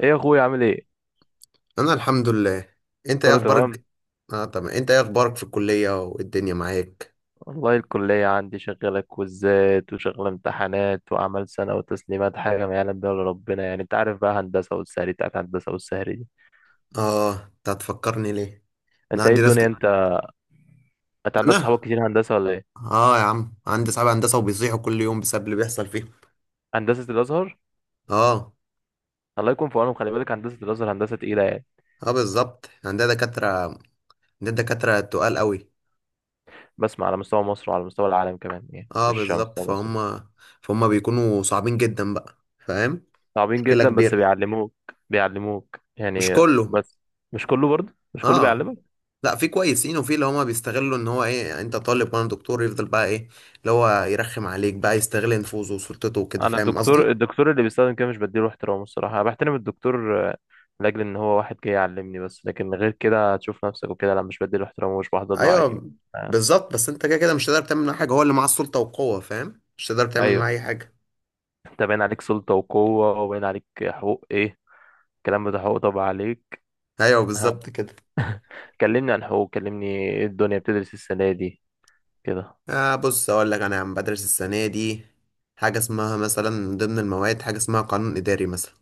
ايه يا اخويا عامل ايه؟ انا الحمد لله. انت ايه كله تمام. اخبارك؟ اه، تمام. انت ايه اخبارك في الكليه والدنيا معاك؟ والله الكلية عندي شغالة كويزات وشغالة امتحانات وأعمال سنة وتسليمات حاجة ما يعلم بها إلا ربنا، يعني أنت عارف بقى، هندسة والسهري بتاعت هندسة والسهري دي. اه، انت هتفكرني ليه؟ انا أنت إيه عندي ناس الدنيا أنت؟ ك... أنت عندك صحابك انا. كتير هندسة ولا إيه؟ اه، يا عم، عندي صحاب هندسه وبيصيحوا كل يوم بسبب اللي بيحصل فيهم. هندسة الأزهر؟ اه الله يكون في عونهم، خلي بالك هندسة الأزهر هندسة تقيلة يعني. اه، بالظبط. عندنا دكاتره، عندنا دكاتره تقال قوي. بسمع على مستوى مصر وعلى مستوى العالم كمان، يعني اه، مش على بالظبط. مستوى مصر بس. فهم بيكونوا صعبين جدا بقى، فاهم. صعبين مشكله جدا بس كبيره. بيعلموك. بيعلموك مش يعني. كله. بس مش كله، برضه مش كله اه، بيعلمك. لا، في كويسين وفي اللي هما بيستغلوا ان هو ايه، يعني انت طالب وانا دكتور، يفضل بقى ايه؟ اللي هو يرخم عليك بقى، يستغل نفوذه وسلطته وكده، انا فاهم الدكتور قصدي؟ الدكتور اللي بيستخدم كده مش بديله احترامه، الصراحه انا بحترم الدكتور لاجل ان هو واحد جاي يعلمني بس، لكن غير كده هتشوف نفسك وكده، لا مش بديله احترامه ومش بحضر له عادي. ايوه، آه. بالظبط، بس انت كده كده مش هتقدر تعمل معاه حاجه. هو اللي معاه السلطه والقوه، فاهم، مش هتقدر تعمل معاه ايوه. اي حاجه. انت باين عليك سلطه وقوه، وباين عليك حقوق ايه، الكلام ده حقوق طبعا عليك. ايوه، ها. بالظبط كده. كلمني عن حقوق، كلمني. ايه الدنيا بتدرس السنه دي؟ كده. آه، بص اقول لك، انا عم بدرس السنه دي حاجه اسمها مثلا، من ضمن المواد حاجه اسمها قانون اداري مثلا.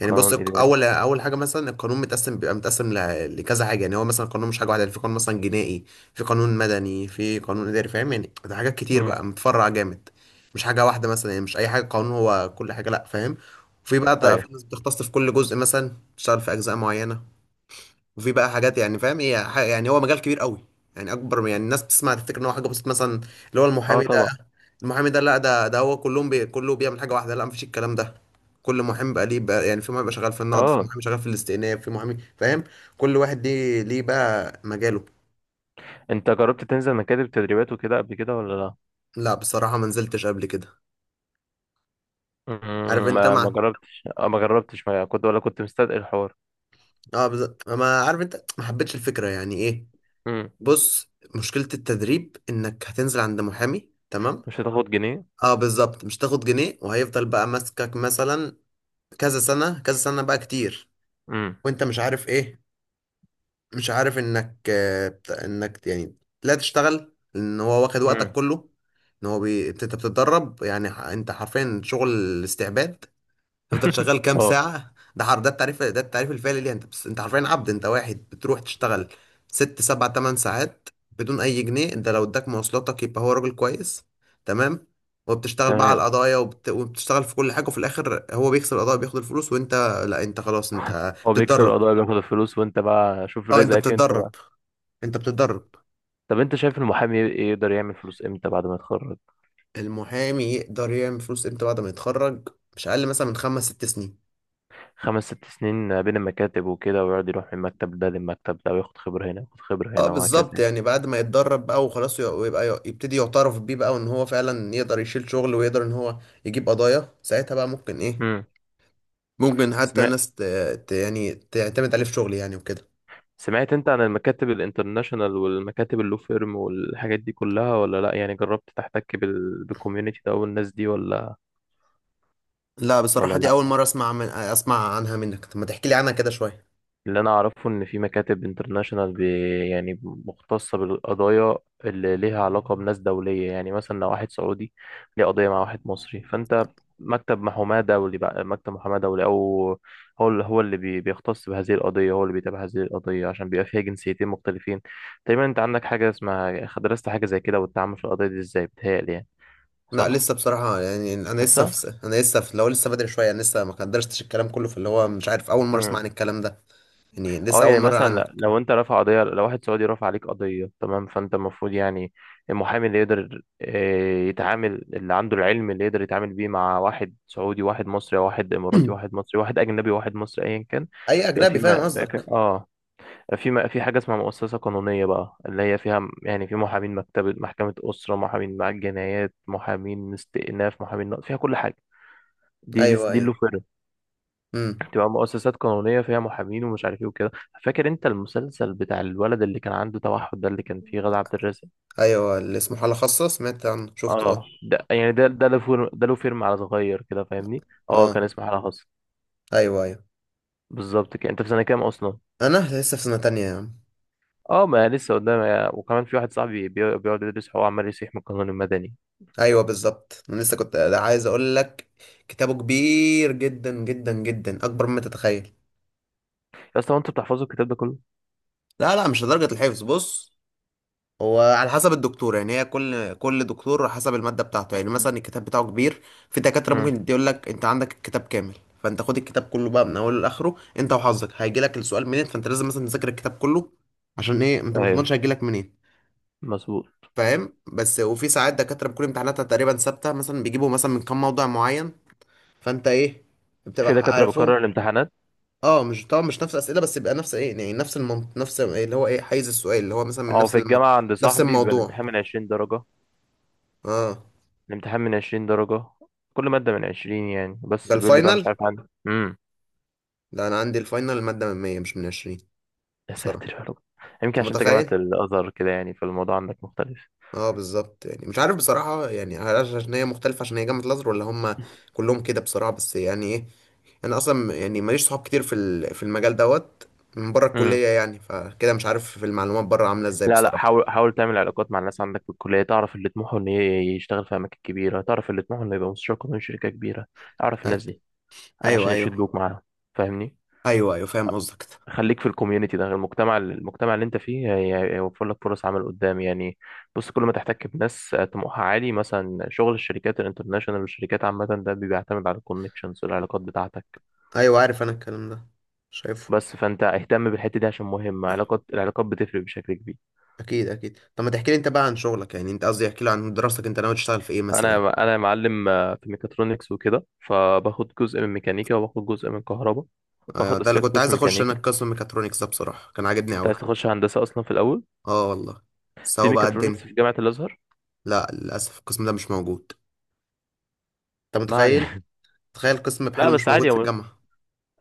يعني بص، قانون اداري. اول اول حاجه مثلا، القانون متقسم، بيبقى متقسم لكذا حاجه، يعني هو مثلا القانون مش حاجه واحده، يعني في قانون مثلا جنائي، في قانون مدني، في قانون اداري، فاهم، يعني ده حاجات كتير امم. بقى، متفرع جامد. مش حاجه واحده مثلا، يعني مش اي حاجه قانون هو كل حاجه، لا، فاهم. وفي بقى، ايوه. في ناس بتختص في كل جزء، مثلا تشتغل في اجزاء معينه. وفي بقى حاجات يعني، فاهم، هي يعني هو مجال كبير قوي. يعني اكبر، يعني الناس بتسمع تفتكر ان هو حاجه بسيطه مثلا. اللي هو اه المحامي ده. طبعا. المحامي ده، لا، ده هو كلهم، كله بيعمل حاجه واحده، لا، مفيش الكلام ده. كل محامي بقى ليه بقى، يعني في محامي بقى شغال في النقد، في اه. محامي شغال في الاستئناف، في محامي، فاهم. كل واحد ليه بقى مجاله. انت جربت تنزل مكاتب تدريبات وكده قبل كده ولا لا؟ لا، بصراحه ما نزلتش قبل كده. عارف انت ما مع. جربتش ما كنت، ولا كنت مستثقل الحوار؟ اه، ما عارف، انت ما حبيتش الفكره، يعني ايه. امم. بص، مشكله التدريب انك هتنزل عند محامي، تمام. مش هتاخد جنيه. اه، بالظبط، مش تاخد جنيه وهيفضل بقى ماسكك مثلا. كذا سنه كذا سنه بقى، كتير. امم. وانت مش عارف ايه. مش عارف انك يعني لا، تشتغل ان هو واخد وقتك امم. كله. انت بتتدرب، يعني انت حرفيا شغل استعباد. تفضل شغال كام اه ساعة، ده حر، ده التعريف الفعلي ليه. انت بس انت حرفيا عبد، انت واحد بتروح تشتغل 6 7 8 ساعات بدون اي جنيه. انت لو اداك مواصلاتك يبقى هو راجل كويس. تمام. وبتشتغل بقى على تمام. القضايا، وبتشتغل في كل حاجة، وفي الاخر هو بيكسب القضايا، بياخد الفلوس، وانت. لا، انت خلاص انت هو بيكسب بتتدرب. القضايا بياخد الفلوس، وانت بقى شوف اه، انت رزقك انت بتتدرب. بقى. انت بتتدرب. طب انت شايف المحامي ايه يقدر يعمل فلوس امتى بعد ما يتخرج؟ المحامي يقدر يعمل فلوس امتى بعد ما يتخرج؟ مش اقل مثلا من 5 6 سنين. خمس ست سنين بين المكاتب وكده، ويقعد يروح من المكتب ده للمكتب ده وياخد خبرة هنا وياخد خبرة اه، هنا بالظبط، وهكذا. يعني بعد ما يتدرب بقى وخلاص، ويبقى يبتدي يعترف بيه بقى، وان هو فعلا يقدر يشيل شغل، ويقدر ان هو يجيب قضايا، ساعتها بقى ممكن ايه. امم. ممكن حتى سمعت ناس ت... يعني تعتمد عليه في شغل، يعني وكده. سمعت انت عن المكاتب الانترناشونال والمكاتب اللو فيرم والحاجات دي كلها ولا لا؟ يعني جربت تحتك بالكوميونتي ده والناس دي ولا؟ لا، ولا بصراحة دي لا. أول مرة أسمع عنها منك. طب ما تحكي لي عنها كده شوية. اللي انا اعرفه ان في مكاتب انترناشونال يعني مختصه بالقضايا اللي ليها علاقه بناس دوليه، يعني مثلا لو واحد سعودي ليه قضيه مع واحد مصري، فانت مكتب محاماه دولي بقى، مكتب محاماه دولي، او هو اللي بيختص بهذه القضيه، هو اللي بيتابع هذه القضيه عشان بيبقى فيها جنسيتين مختلفين. تقريبا انت عندك حاجه اسمها، درست حاجه زي كده والتعامل في القضيه دي ازاي؟ بتهيألي يعني. لا، صح. لسه بصراحة، يعني أنا لسه لسه. في أنا لسه في لو، لسه بدري شوية. أنا لسه ما قدرتش الكلام كله، في اللي هو مش عارف، أول مرة أسمع مم. عن الكلام ده. يعني لسه، اه، أول يعني مرة مثلا عنك. لو انت رافع قضيه، لو واحد سعودي رافع عليك قضيه، تمام، فانت المفروض يعني المحامي اللي يقدر يتعامل، اللي عنده العلم اللي يقدر يتعامل بيه مع واحد سعودي واحد مصري، واحد اماراتي واحد مصري، واحد اجنبي واحد مصري، ايا كان. أي بيبقى أجنبي، في فاهم ما بيبقى في- قصدك. اه في ما في حاجه اسمها مؤسسه قانونيه بقى، اللي هي فيها يعني في محامين مكتبه، محكمه اسره، محامين مع الجنايات، محامين استئناف، محامين نقض، فيها كل حاجه. دي دي, أيوه، دي أيوه. اللي أمم. تبقى مؤسسات قانونية فيها محامين ومش عارف ايه وكده. فاكر انت المسلسل بتاع الولد اللي كان عنده توحد ده، اللي كان فيه غادة عبد الرازق؟ أيوه، اللي اسمه حالة خاصة، سمعت عنه، شفته، اه أه. ده، يعني ده له فيلم، على صغير كده، فاهمني؟ اه كان أه، اسمه حالة خاصة. أيوه، أيوه. بالظبط كده. انت في سنة كام اصلا؟ أنا لسه في سنة تانية يا عم. اه، ما لسه قدامي. وكمان في واحد صاحبي بيقعد يدرس، هو عمال يسيح من القانون المدني. أيوه، بالظبط، أنا لسه كنت عايز أقول لك. كتابه كبير جدا جدا جدا، أكبر مما تتخيل. يا اسطى، هو انتوا بتحفظوا الكتاب ده كله؟ لا، لا، مش لدرجة الحفظ، بص. وعلى حسب الدكتور، يعني هي كل دكتور حسب المادة بتاعته، يعني مثلا الكتاب بتاعه كبير. في دكاترة امم. ممكن يقول لك انت عندك الكتاب كامل. فانت خد الكتاب كله بقى من اوله لاخره، انت وحظك هيجي لك السؤال منين، فانت لازم مثلا تذاكر الكتاب كله. عشان ايه، انت ما ايوه تضمنش هيجي لك منين. مظبوط. فاهم، بس وفي ساعات دكاترة بتكون امتحاناتها تقريبا ثابتة، مثلا بيجيبوا مثلا من كام موضوع معين، فانت ايه، في بتبقى دكاترة بتكرر عارفهم. الامتحانات. اه، مش طبعا مش نفس الاسئله، بس يبقى نفس ايه يعني، نفس إيه، اللي هو ايه، حيز السؤال اللي هو مثلا من اه نفس في الم... الجامعة عند نفس صاحبي بيبقى الموضوع. الامتحان من 20 درجة، اه. الامتحان من عشرين درجة، كل مادة من عشرين يعني، ده بس بيقول لي بقى، مش الفاينل. عارف عندك لا، انا عندي الفاينل المادة من 100 مش من 20. يا بصراحة، ساتر يا رب. يمكن انت عشان انت جامعة متخيل. الأزهر كده يعني، فالموضوع عندك مختلف. اه، بالظبط، يعني مش عارف بصراحة، يعني هل عشان هي مختلفة، عشان هي جامعة الازهر، ولا هم كلهم كده بصراحة، بس يعني ايه، انا اصلا يعني ماليش صحاب كتير في المجال دوت، من بره امم. الكلية، يعني فكده مش عارف في المعلومات بره عاملة ازاي لا لا، بصراحة. حاول حاول تعمل علاقات مع الناس عندك في الكلية، تعرف اللي طموحه إن يشتغل في أماكن كبيرة، تعرف اللي طموحه إنه يبقى مستشار قانوني في شركة كبيرة، أعرف أ-. الناس دي ايوه، عشان ايوه. يشدوك معاهم، فاهمني؟ ايوه، ايوه، فاهم قصدك ده. خليك في الكوميونتي ده، المجتمع اللي انت فيه هيوفر لك فرص عمل قدام يعني. بص، كل ما تحتك بناس طموحها عالي، مثلا شغل الشركات الانترناشونال والشركات عامة، ده بيعتمد على الكونكشنز والعلاقات بتاعتك. ايوه، عارف انا الكلام ده، شايفه. بس فانت اهتم بالحتة دي عشان مهمة، العلاقات بتفرق بشكل كبير. اكيد، اكيد. طب ما تحكي لي انت بقى عن شغلك، يعني انت، قصدي احكي لي عن دراستك، انت ناوي تشتغل في ايه مثلا؟ انا معلم في ميكاترونكس وكده، فباخد جزء من ميكانيكا وباخد جزء من كهرباء. ايوه، باخد ده اللي اساسيات كنت قسم عايز اخش انا، ميكانيكا. القسم ميكاترونكس ده بصراحه كان عاجبني كنت قوي. عايز اخش هندسة اصلا في الاول، اه، والله. في سوا بقى ميكاترونكس الدنيا. في جامعة الازهر. لا للاسف، القسم ده مش موجود. انت ما متخيل، علينا. تخيل، قسم لا بحاله مش بس موجود عادي، في الجامعه.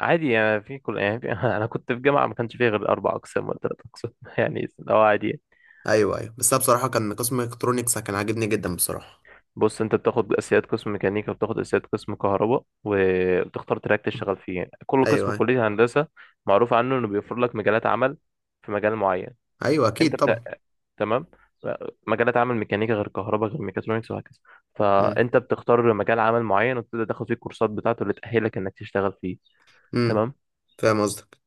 عادي يعني، في كل يعني انا كنت في جامعه ما كانش فيها غير اربع اقسام ولا ثلاث اقسام يعني لو عادي يعني. ايوه، ايوه، بس انا بصراحه كان قسم ميكاترونكس كان عاجبني جدا بصراحه. بص، انت بتاخد اساسيات قسم ميكانيكا وبتاخد اساسيات قسم كهرباء، وبتختار تراك تشتغل فيه. يعني كل قسم ايوه، في ايوه. كليه هندسه معروف عنه انه بيوفر لك مجالات عمل في مجال معين. ايوه، انت اكيد بت... طبعا. تمام؟ ف- مجالات عمل ميكانيكا غير كهرباء غير ميكاترونكس وهكذا، امم، فانت بتختار مجال عمل معين، وتبدا تاخد فيه الكورسات بتاعته اللي تاهلك انك تشتغل فيه. امم. تمام. فاهم قصدك.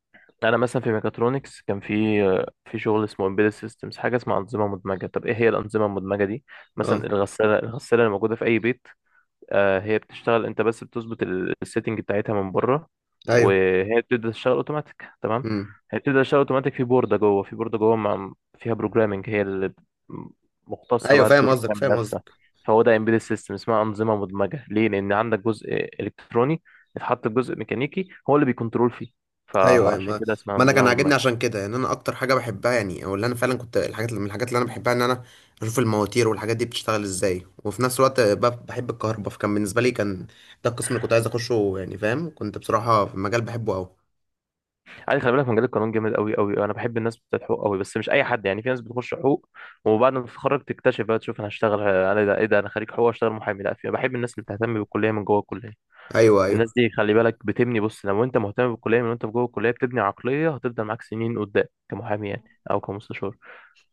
انا مثلا في ميكاترونكس كان في شغل اسمه امبيدد سيستمز، حاجه اسمها انظمه مدمجه. طب ايه هي الانظمه المدمجه دي؟ مثلا اه، الغساله اللي موجوده في اي بيت، هي بتشتغل، انت بس بتظبط السيتنج بتاعتها من بره، ايوه. وهي بتبدا تشتغل اوتوماتيك، تمام؟ امم. هي بتبدا تشتغل اوتوماتيك، في بورده جوه في بورده جوه فيها بروجرامنج، هي اللي مختصه ايوه، بقى فاهم تدور قصدك، تعمل فاهم نفسها. قصدك. فهو ده امبيدد سيستم، اسمها انظمه مدمجه ليه؟ لان عندك جزء الكتروني اتحط جزء ميكانيكي هو اللي بيكنترول فيه، ايوه، ايوه، فعشان ما, كده اسمها ما انا كان انظمه عاجبني مدمجه. عشان كده، يعني انا اكتر حاجه بحبها يعني، او اللي انا فعلا كنت الحاجات من الحاجات اللي انا بحبها، ان انا اشوف المواتير والحاجات دي بتشتغل ازاي، وفي نفس الوقت بحب الكهرباء، فكان بالنسبه لي كان ده القسم اللي كنت عايز اخشه. يعني فاهم، كنت بصراحه في المجال بحبه قوي. عادي، خلي بالك مجال القانون جامد قوي قوي، انا بحب الناس بتاعت حقوق قوي، بس مش اي حد يعني. في ناس بتخش حقوق وبعد ما تتخرج تكتشف بقى، تشوف انا هشتغل انا، إيه ده، ايه ده، انا خريج حقوق اشتغل محامي، لا. في بحب الناس اللي بتهتم بالكليه من جوه الكليه، ايوه، ايوه، الناس دي خلي بالك بتبني. بص، لو انت مهتم بالكليه من وانت في جوه الكليه، بتبني عقليه هتفضل معاك سنين قدام كمحامي يعني، او كمستشار،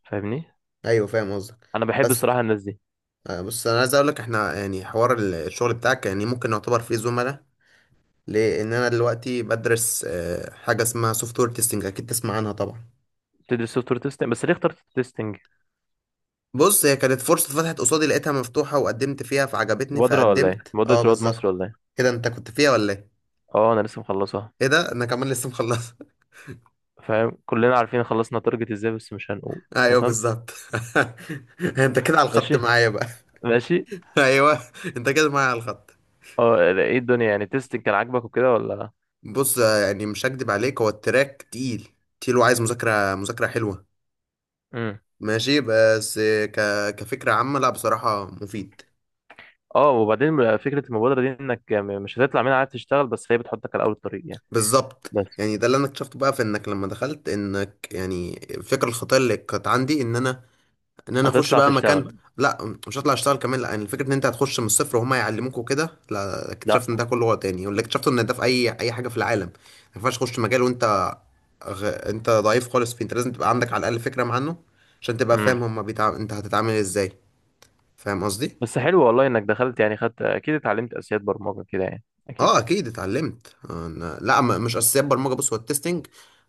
فاهمني؟ ايوه، فاهم قصدك. انا بحب بس الصراحه الناس دي. بص انا عايز اقول لك، احنا يعني حوار الشغل بتاعك، يعني ممكن نعتبر فيه زملاء. لان انا دلوقتي بدرس حاجه اسمها سوفت وير تيستنج، اكيد تسمع عنها طبعا. بتدرس سوفت وير تيستنج؟ بس ليه اخترت تيستنج؟ بص، هي كانت فرصة اتفتحت قصادي، لقيتها مفتوحة وقدمت فيها فعجبتني، مبادره ولا ايه؟ فقدمت. مبادره اه، رواد مصر بالظبط ولا ايه؟ كده. انت كنت فيها ولا ايه؟ اه انا لسه مخلصها. ايه ده؟ انا كمان لسه مخلص فاهم، كلنا عارفين خلصنا تارجت ازاي بس مش هنقول. ايوه، تمام. بالظبط. انت كده على الخط ماشي معايا بقى. ماشي. ايوه. انت كده معايا على الخط. اه، ايه الدنيا يعني، تيستنج كان عاجبك وكده ولا؟ بص، يعني مش هكدب عليك، هو التراك تقيل، تقيل وعايز مذاكرة حلوة. امم. ماشي، بس كفكرة عامة، لا بصراحة مفيد. اه. وبعدين فكرة المبادرة دي انك مش هتطلع منها عايز تشتغل، بس هي بتحطك على اول الطريق يعني. بالظبط، بس. يعني ده اللي انا اكتشفته بقى، في انك لما دخلت، انك يعني الفكرة الخطيرة اللي كانت عندي ان انا اخش هتطلع بقى مكان. تشتغل. لا، مش هطلع اشتغل كمان، لا، يعني الفكره ان انت هتخش من الصفر وهم يعلموك وكده، لا، اكتشفت لا. ان ده كله غلط، يعني واللي اكتشفته ان ده في اي حاجه في العالم ما ينفعش تخش مجال وانت انت ضعيف خالص فيه. انت لازم تبقى عندك على الاقل فكره عنه، عشان تبقى فاهم امم. هما انت هتتعامل ازاي، فاهم قصدي؟ بس حلو والله انك دخلت، يعني خدت اكيد، اتعلمت اساسيات برمجة كده يعني اكيد. اه، اكيد اتعلمت لا مش اساسيات برمجه، بص هو التستنج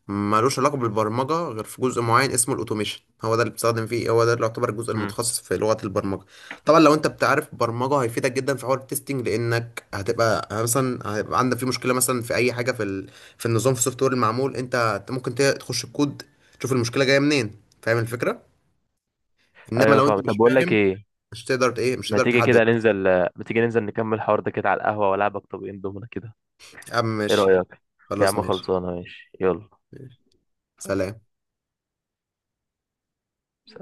ملوش علاقه بالبرمجه غير في جزء معين اسمه الاوتوميشن، هو ده اللي بتستخدم فيه، هو ده اللي يعتبر الجزء امم. المتخصص في لغه البرمجه. طبعا لو انت بتعرف برمجه هيفيدك جدا في حوار التستنج، لانك هتبقى مثلا هيبقى عندك في مشكله مثلا في اي حاجه في ال... في النظام، في السوفت وير المعمول، انت ممكن تخش الكود، تشوف المشكله جايه منين، فاهم الفكره. انما ايوه، لو انت فاهم. طب مش بقول لك فاهم، ايه، مش تقدر ت- ايه مش ما تقدر تيجي تحدد. كده ننزل، ما تيجي ننزل نكمل الحوار ده كده على القهوة، والعبك طبقين دومنا كده، اه، ايه ماشي. رأيك؟ يا خلاص، عم ماشي. خلصانة، ماشي يلا. ماشي. سلام. سلام.